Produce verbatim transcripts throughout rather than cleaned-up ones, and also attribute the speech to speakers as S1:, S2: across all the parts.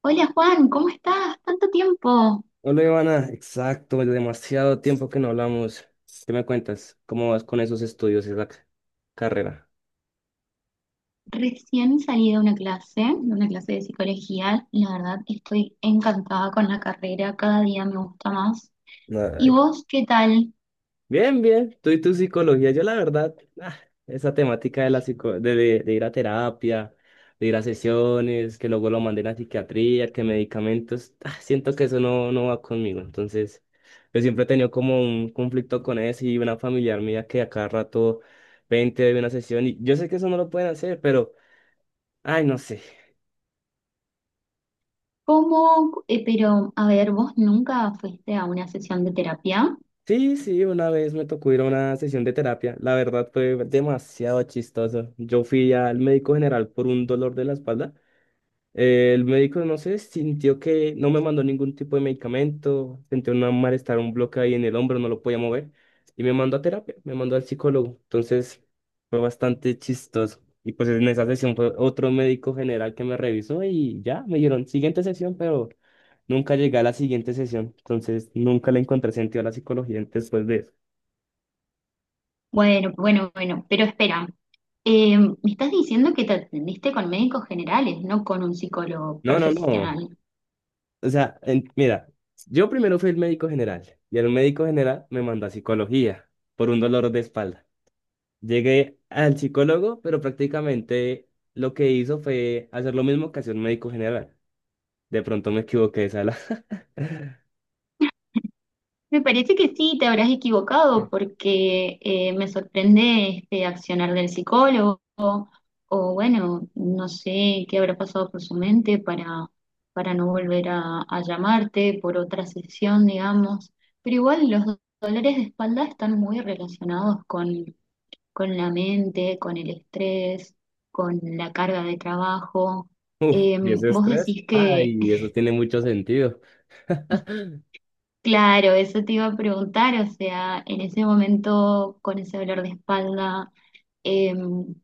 S1: Hola Juan, ¿cómo estás? Tanto tiempo.
S2: Hola Ivana, exacto, demasiado tiempo que no hablamos. ¿Qué me cuentas? ¿Cómo vas con esos estudios y esa c- carrera?
S1: Recién salí de una clase, de una clase de psicología. La verdad, estoy encantada con la carrera, cada día me gusta más. ¿Y
S2: Ay.
S1: vos qué tal?
S2: Bien, bien, tú y tu psicología, yo la verdad, ah, esa temática de, la psico de, de- de ir a terapia, de ir a sesiones, que luego lo manden a psiquiatría, que medicamentos, ah, siento que eso no, no va conmigo. Entonces, yo siempre he tenido como un conflicto con eso y una familiar mía que a cada rato veinte de una sesión y yo sé que eso no lo pueden hacer, pero... Ay, no sé.
S1: ¿Cómo? Eh, pero, a ver, ¿vos nunca fuiste a una sesión de terapia?
S2: Sí, sí, una vez me tocó ir a una sesión de terapia. La verdad fue demasiado chistoso. Yo fui al médico general por un dolor de la espalda. Eh, el médico, no sé, sintió que no me mandó ningún tipo de medicamento, sentí un malestar, un bloque ahí en el hombro, no lo podía mover, y me mandó a terapia, me mandó al psicólogo. Entonces fue bastante chistoso. Y pues en esa sesión fue otro médico general que me revisó y ya me dijeron siguiente sesión, pero nunca llegué a la siguiente sesión. Entonces nunca le encontré sentido a la psicología después de eso.
S1: Bueno, bueno, bueno, pero espera. Eh, me estás diciendo que te atendiste con médicos generales, no con un psicólogo
S2: No, no, no.
S1: profesional.
S2: O sea, en- mira, yo primero fui el médico general y el médico general me mandó a psicología por un dolor de espalda. Llegué al psicólogo, pero prácticamente lo que hizo fue hacer lo mismo que hacía un médico general. De pronto me equivoqué de sala.
S1: Me parece que sí, te habrás equivocado porque eh, me sorprende este accionar del psicólogo o bueno, no sé qué habrá pasado por su mente para, para no volver a, a llamarte por otra sesión, digamos. Pero igual los do- dolores de espalda están muy relacionados con, con la mente, con el estrés, con la carga de trabajo.
S2: Uf, y
S1: Em,
S2: ese
S1: vos
S2: estrés.
S1: decís.
S2: Ay, eso tiene mucho sentido.
S1: Claro, eso te iba a preguntar, o sea, en ese momento con ese dolor de espalda, em,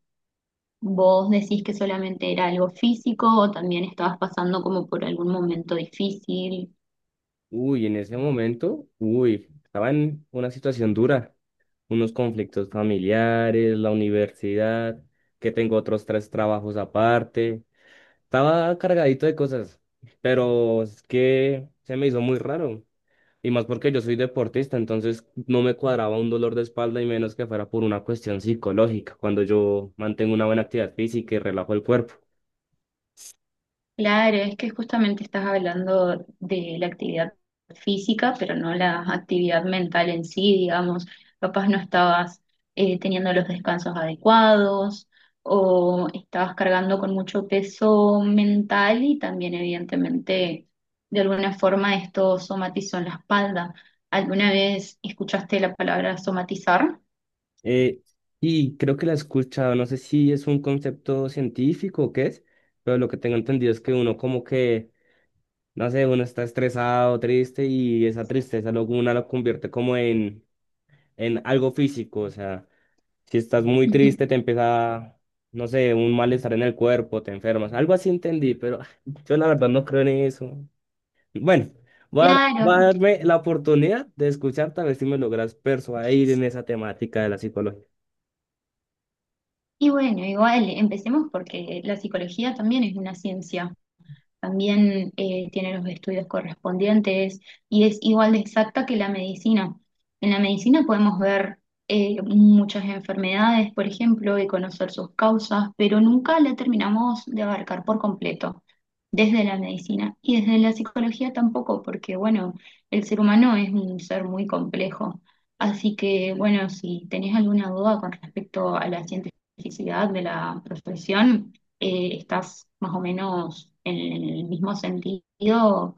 S1: ¿vos decís que solamente era algo físico o también estabas pasando como por algún momento difícil?
S2: Uy, en ese momento, uy, estaba en una situación dura. Unos conflictos familiares, la universidad, que tengo otros tres trabajos aparte. Estaba cargadito de cosas, pero es que se me hizo muy raro. Y más porque yo soy deportista, entonces no me cuadraba un dolor de espalda y menos que fuera por una cuestión psicológica, cuando yo mantengo una buena actividad física y relajo el cuerpo.
S1: Claro, es que justamente estás hablando de la actividad física, pero no la actividad mental en sí, digamos. Capaz no estabas eh, teniendo los descansos adecuados o estabas cargando con mucho peso mental y también evidentemente de alguna forma esto somatizó en la espalda. ¿Alguna vez escuchaste la palabra somatizar?
S2: Eh, y creo que la he escuchado, no sé si es un concepto científico o qué es, pero lo que tengo entendido es que uno como que, no sé, uno está estresado, triste y esa tristeza luego una lo convierte como en, en algo físico, o sea, si estás muy
S1: Ujú.
S2: triste, te empieza, no sé, un malestar en el cuerpo, te enfermas. Algo así entendí, pero ah, yo la verdad no creo en eso. Bueno, va a, dar-
S1: Claro,
S2: va a darme la oportunidad de escucharte a ver si me logras persuadir en esa temática de la psicología.
S1: y bueno, igual empecemos porque la psicología también es una ciencia. También eh, tiene los estudios correspondientes y es igual de exacta que la medicina. En la medicina podemos ver eh, muchas enfermedades, por ejemplo, y conocer sus causas, pero nunca la terminamos de abarcar por completo. Desde la medicina y desde la psicología tampoco, porque bueno, el ser humano es un ser muy complejo. Así que bueno, si tenés alguna duda con respecto a la cientificidad de la profesión, eh, estás más o menos en el mismo sentido,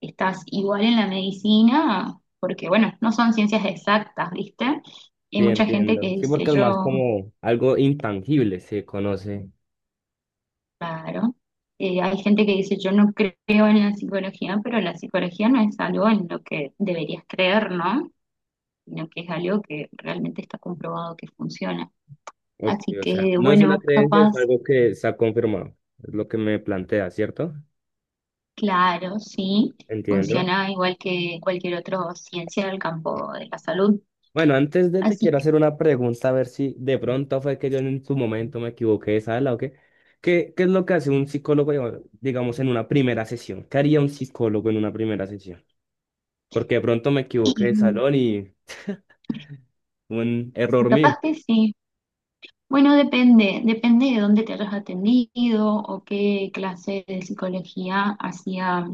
S1: estás igual en la medicina, porque bueno, no son ciencias exactas, ¿viste? Hay
S2: Sí,
S1: mucha gente que
S2: entiendo. Sí,
S1: dice
S2: porque es más
S1: yo,
S2: como algo intangible, se conoce.
S1: claro, eh, hay gente que dice yo no creo en la psicología, pero la psicología no es algo en lo que deberías creer, ¿no? Sino que es algo que realmente está comprobado que funciona.
S2: Ok,
S1: Así
S2: o sea,
S1: que
S2: no es una
S1: bueno,
S2: creencia,
S1: capaz.
S2: es algo que se ha confirmado. Es lo que me plantea, ¿cierto?
S1: Claro, sí,
S2: Entiendo.
S1: funciona igual que cualquier otra ciencia del campo de la salud.
S2: Bueno, antes de te
S1: Así
S2: quiero
S1: que
S2: hacer una pregunta, a ver si de pronto fue que yo en su momento me equivoqué, ¿sabes? ¿La o qué? ¿Qué, qué es lo que hace un psicólogo, digamos, digamos, en una primera sesión? ¿Qué haría un psicólogo en una primera sesión? Porque de pronto me equivoqué
S1: y,
S2: de salón y un error mío.
S1: capaz que sí, bueno, depende, depende de dónde te hayas atendido o qué clase de psicología hacía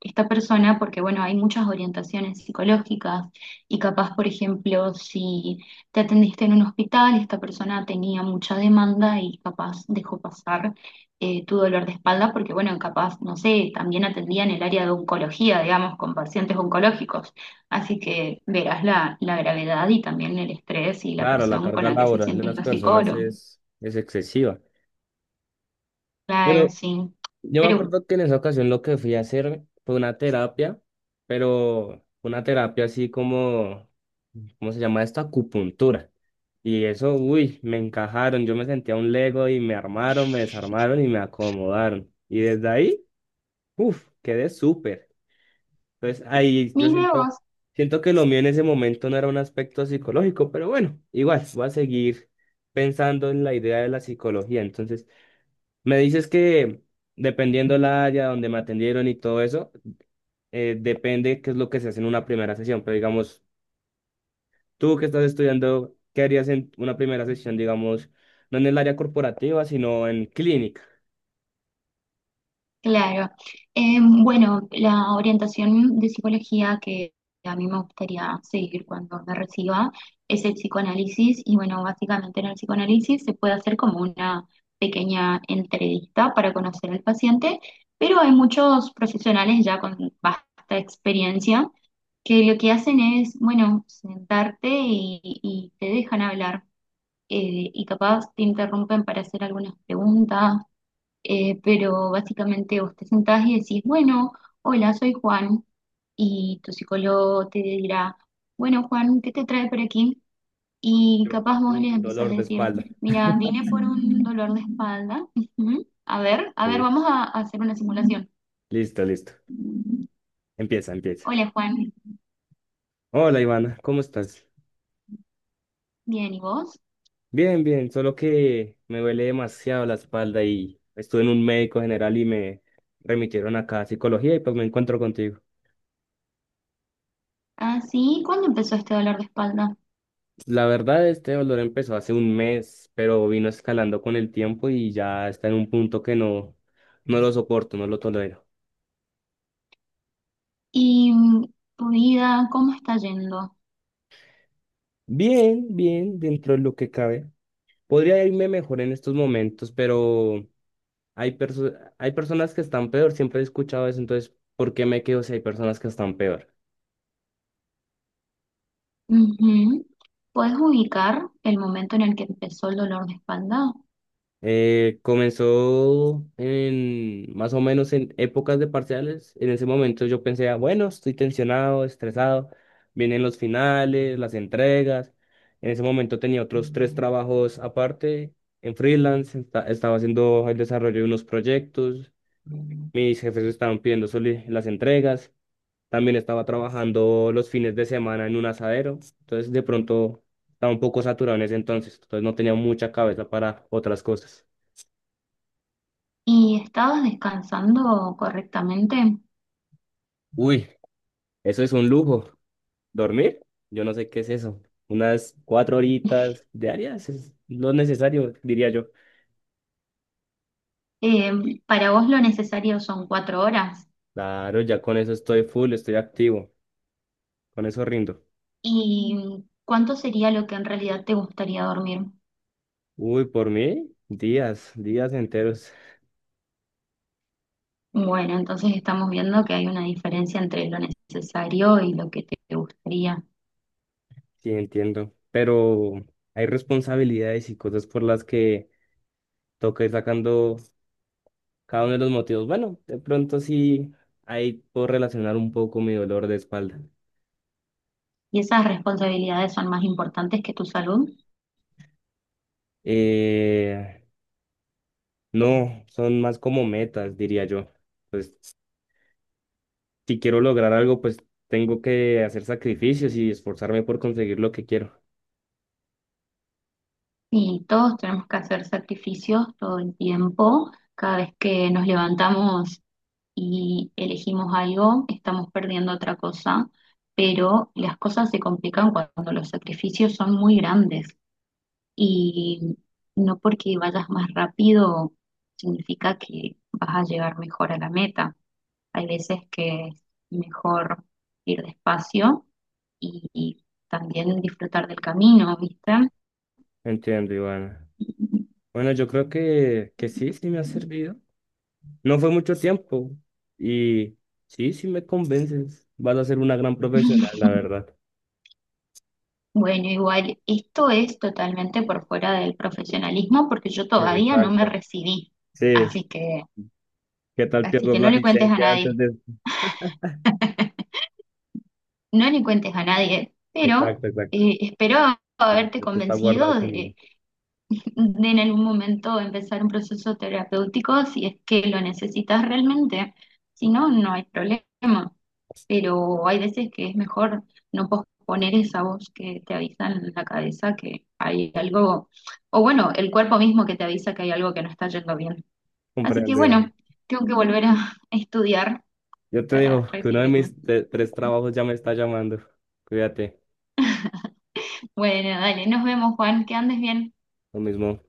S1: esta persona, porque bueno, hay muchas orientaciones psicológicas y capaz, por ejemplo, si te atendiste en un hospital, esta persona tenía mucha demanda y capaz dejó pasar eh, tu dolor de espalda, porque bueno, capaz, no sé, también atendía en el área de oncología, digamos, con pacientes oncológicos. Así que verás la, la gravedad y también el estrés y la
S2: Claro, la
S1: presión con
S2: carga
S1: la que se
S2: laboral de
S1: sienten
S2: las
S1: los
S2: personas
S1: psicólogos.
S2: es, es excesiva.
S1: Claro,
S2: Pero
S1: sí.
S2: yo me
S1: Pero
S2: acuerdo que en esa ocasión lo que fui a hacer fue una terapia, pero una terapia así como, ¿cómo se llama esto? Acupuntura. Y eso, uy, me encajaron. Yo me sentía un Lego y me armaron, me desarmaron y me acomodaron. Y desde ahí, uff, quedé súper. Entonces ahí yo
S1: mire
S2: siento,
S1: vos,
S2: siento que lo mío en ese momento no era un aspecto psicológico, pero bueno, igual, voy a seguir pensando en la idea de la psicología. Entonces me dices que dependiendo la área donde me atendieron y todo eso, eh, depende qué es lo que se hace en una primera sesión. Pero digamos, tú que estás estudiando, ¿qué harías en una primera sesión, digamos, no en el área corporativa, sino en clínica?
S1: claro. Eh, bueno, la orientación de psicología que a mí me gustaría seguir cuando me reciba es el psicoanálisis y bueno, básicamente en el psicoanálisis se puede hacer como una pequeña entrevista para conocer al paciente, pero hay muchos profesionales ya con vasta experiencia que lo que hacen es, bueno, sentarte y, y te dejan hablar. Eh, y capaz te interrumpen para hacer algunas preguntas, eh, pero básicamente vos te sentás y decís, bueno, hola, soy Juan, y tu psicólogo te dirá, bueno, Juan, ¿qué te trae por aquí? Y
S2: Yo,
S1: capaz vos les
S2: Un
S1: empezás
S2: dolor
S1: a
S2: de
S1: decir,
S2: espalda.
S1: mira, vine por un dolor de espalda. Ujú. A ver, a ver,
S2: Ok,
S1: vamos a a hacer una simulación.
S2: listo, listo. Empieza, empieza.
S1: Hola Juan,
S2: Hola, Ivana, ¿cómo estás?
S1: bien, ¿y vos?
S2: Bien, bien, solo que me duele demasiado la espalda y estuve en un médico general y me remitieron acá a psicología y pues me encuentro contigo.
S1: Ah, sí, ¿cuándo empezó este dolor de espalda?
S2: La verdad, este dolor empezó hace un mes, pero vino escalando con el tiempo y ya está en un punto que no, no lo soporto, no lo tolero.
S1: ¿Y mm, tu vida, cómo está yendo?
S2: Bien, bien, dentro de lo que cabe. Podría irme mejor en estos momentos, pero hay perso- hay personas que están peor, siempre he escuchado eso, entonces, ¿por qué me quedo si hay personas que están peor?
S1: Ujú. ¿Puedes ubicar el momento en el que empezó el dolor de espalda?
S2: Eh, comenzó en más o menos en épocas de parciales. En ese momento yo pensé: "Ah, bueno, estoy tensionado, estresado, vienen los finales, las entregas. En ese momento tenía otros tres trabajos aparte en freelance, esta- estaba haciendo el desarrollo de unos proyectos, mis jefes estaban pidiendo soli- las entregas, también estaba trabajando los fines de semana en un asadero, entonces de pronto estaba un poco saturado en ese entonces, entonces no tenía mucha cabeza para otras cosas.
S1: ¿Y estabas descansando correctamente?
S2: Uy, eso es un lujo. ¿Dormir? Yo no sé qué es eso. Unas cuatro horitas diarias es lo necesario, diría yo.
S1: Eh, ¿para vos lo necesario son cuatro horas?
S2: Claro, ya con eso estoy full, estoy activo. Con eso rindo.
S1: ¿Y cuánto sería lo que en realidad te gustaría dormir?
S2: Uy, por mí, días, días enteros.
S1: Bueno, entonces estamos viendo que hay una diferencia entre lo necesario y lo que te gustaría.
S2: Sí, entiendo. Pero hay responsabilidades y cosas por las que toca ir sacando cada uno de los motivos. Bueno, de pronto sí, ahí puedo relacionar un poco mi dolor de espalda.
S1: ¿Y esas responsabilidades son más importantes que tu salud?
S2: Eh, no, son más como metas, diría yo. Pues si quiero lograr algo, pues tengo que hacer sacrificios y esforzarme por conseguir lo que quiero.
S1: Y todos tenemos que hacer sacrificios todo el tiempo. Cada vez que nos levantamos y elegimos algo, estamos perdiendo otra cosa, pero las cosas se complican cuando los sacrificios son muy grandes y no porque vayas más rápido significa que vas a llegar mejor a la meta. Hay veces que es mejor ir despacio y, y también disfrutar del camino, ¿viste?
S2: Entiendo, Ivana. Bueno, yo creo que, que sí, sí me ha servido. No fue mucho tiempo y sí, sí me convences. Vas a ser una gran profesional, la verdad.
S1: Bueno, igual, esto es totalmente por fuera del profesionalismo porque yo
S2: Sí,
S1: todavía no me
S2: exacto.
S1: recibí,
S2: Sí,
S1: así que
S2: ¿qué tal
S1: así
S2: pierdas
S1: que
S2: la
S1: no le cuentes a
S2: licencia antes
S1: nadie,
S2: de...
S1: no le cuentes a nadie, pero
S2: Exacto, exacto.
S1: eh, espero haberte
S2: Esto está
S1: convencido
S2: guardado conmigo.
S1: de, de en algún momento empezar un proceso terapéutico si es que lo necesitas realmente, si no, no hay problema, pero hay veces que es mejor no posponer esa voz que te avisa en la cabeza que hay algo, o bueno, el cuerpo mismo que te avisa que hay algo que no está yendo bien. Así que
S2: Comprendo, Ivana.
S1: bueno, tengo que volver a estudiar
S2: Yo te
S1: para
S2: digo que uno de
S1: recibirme.
S2: mis te- tres trabajos ya me está llamando. Cuídate,
S1: Bueno, dale, nos vemos, Juan, que andes bien.
S2: lo mismo.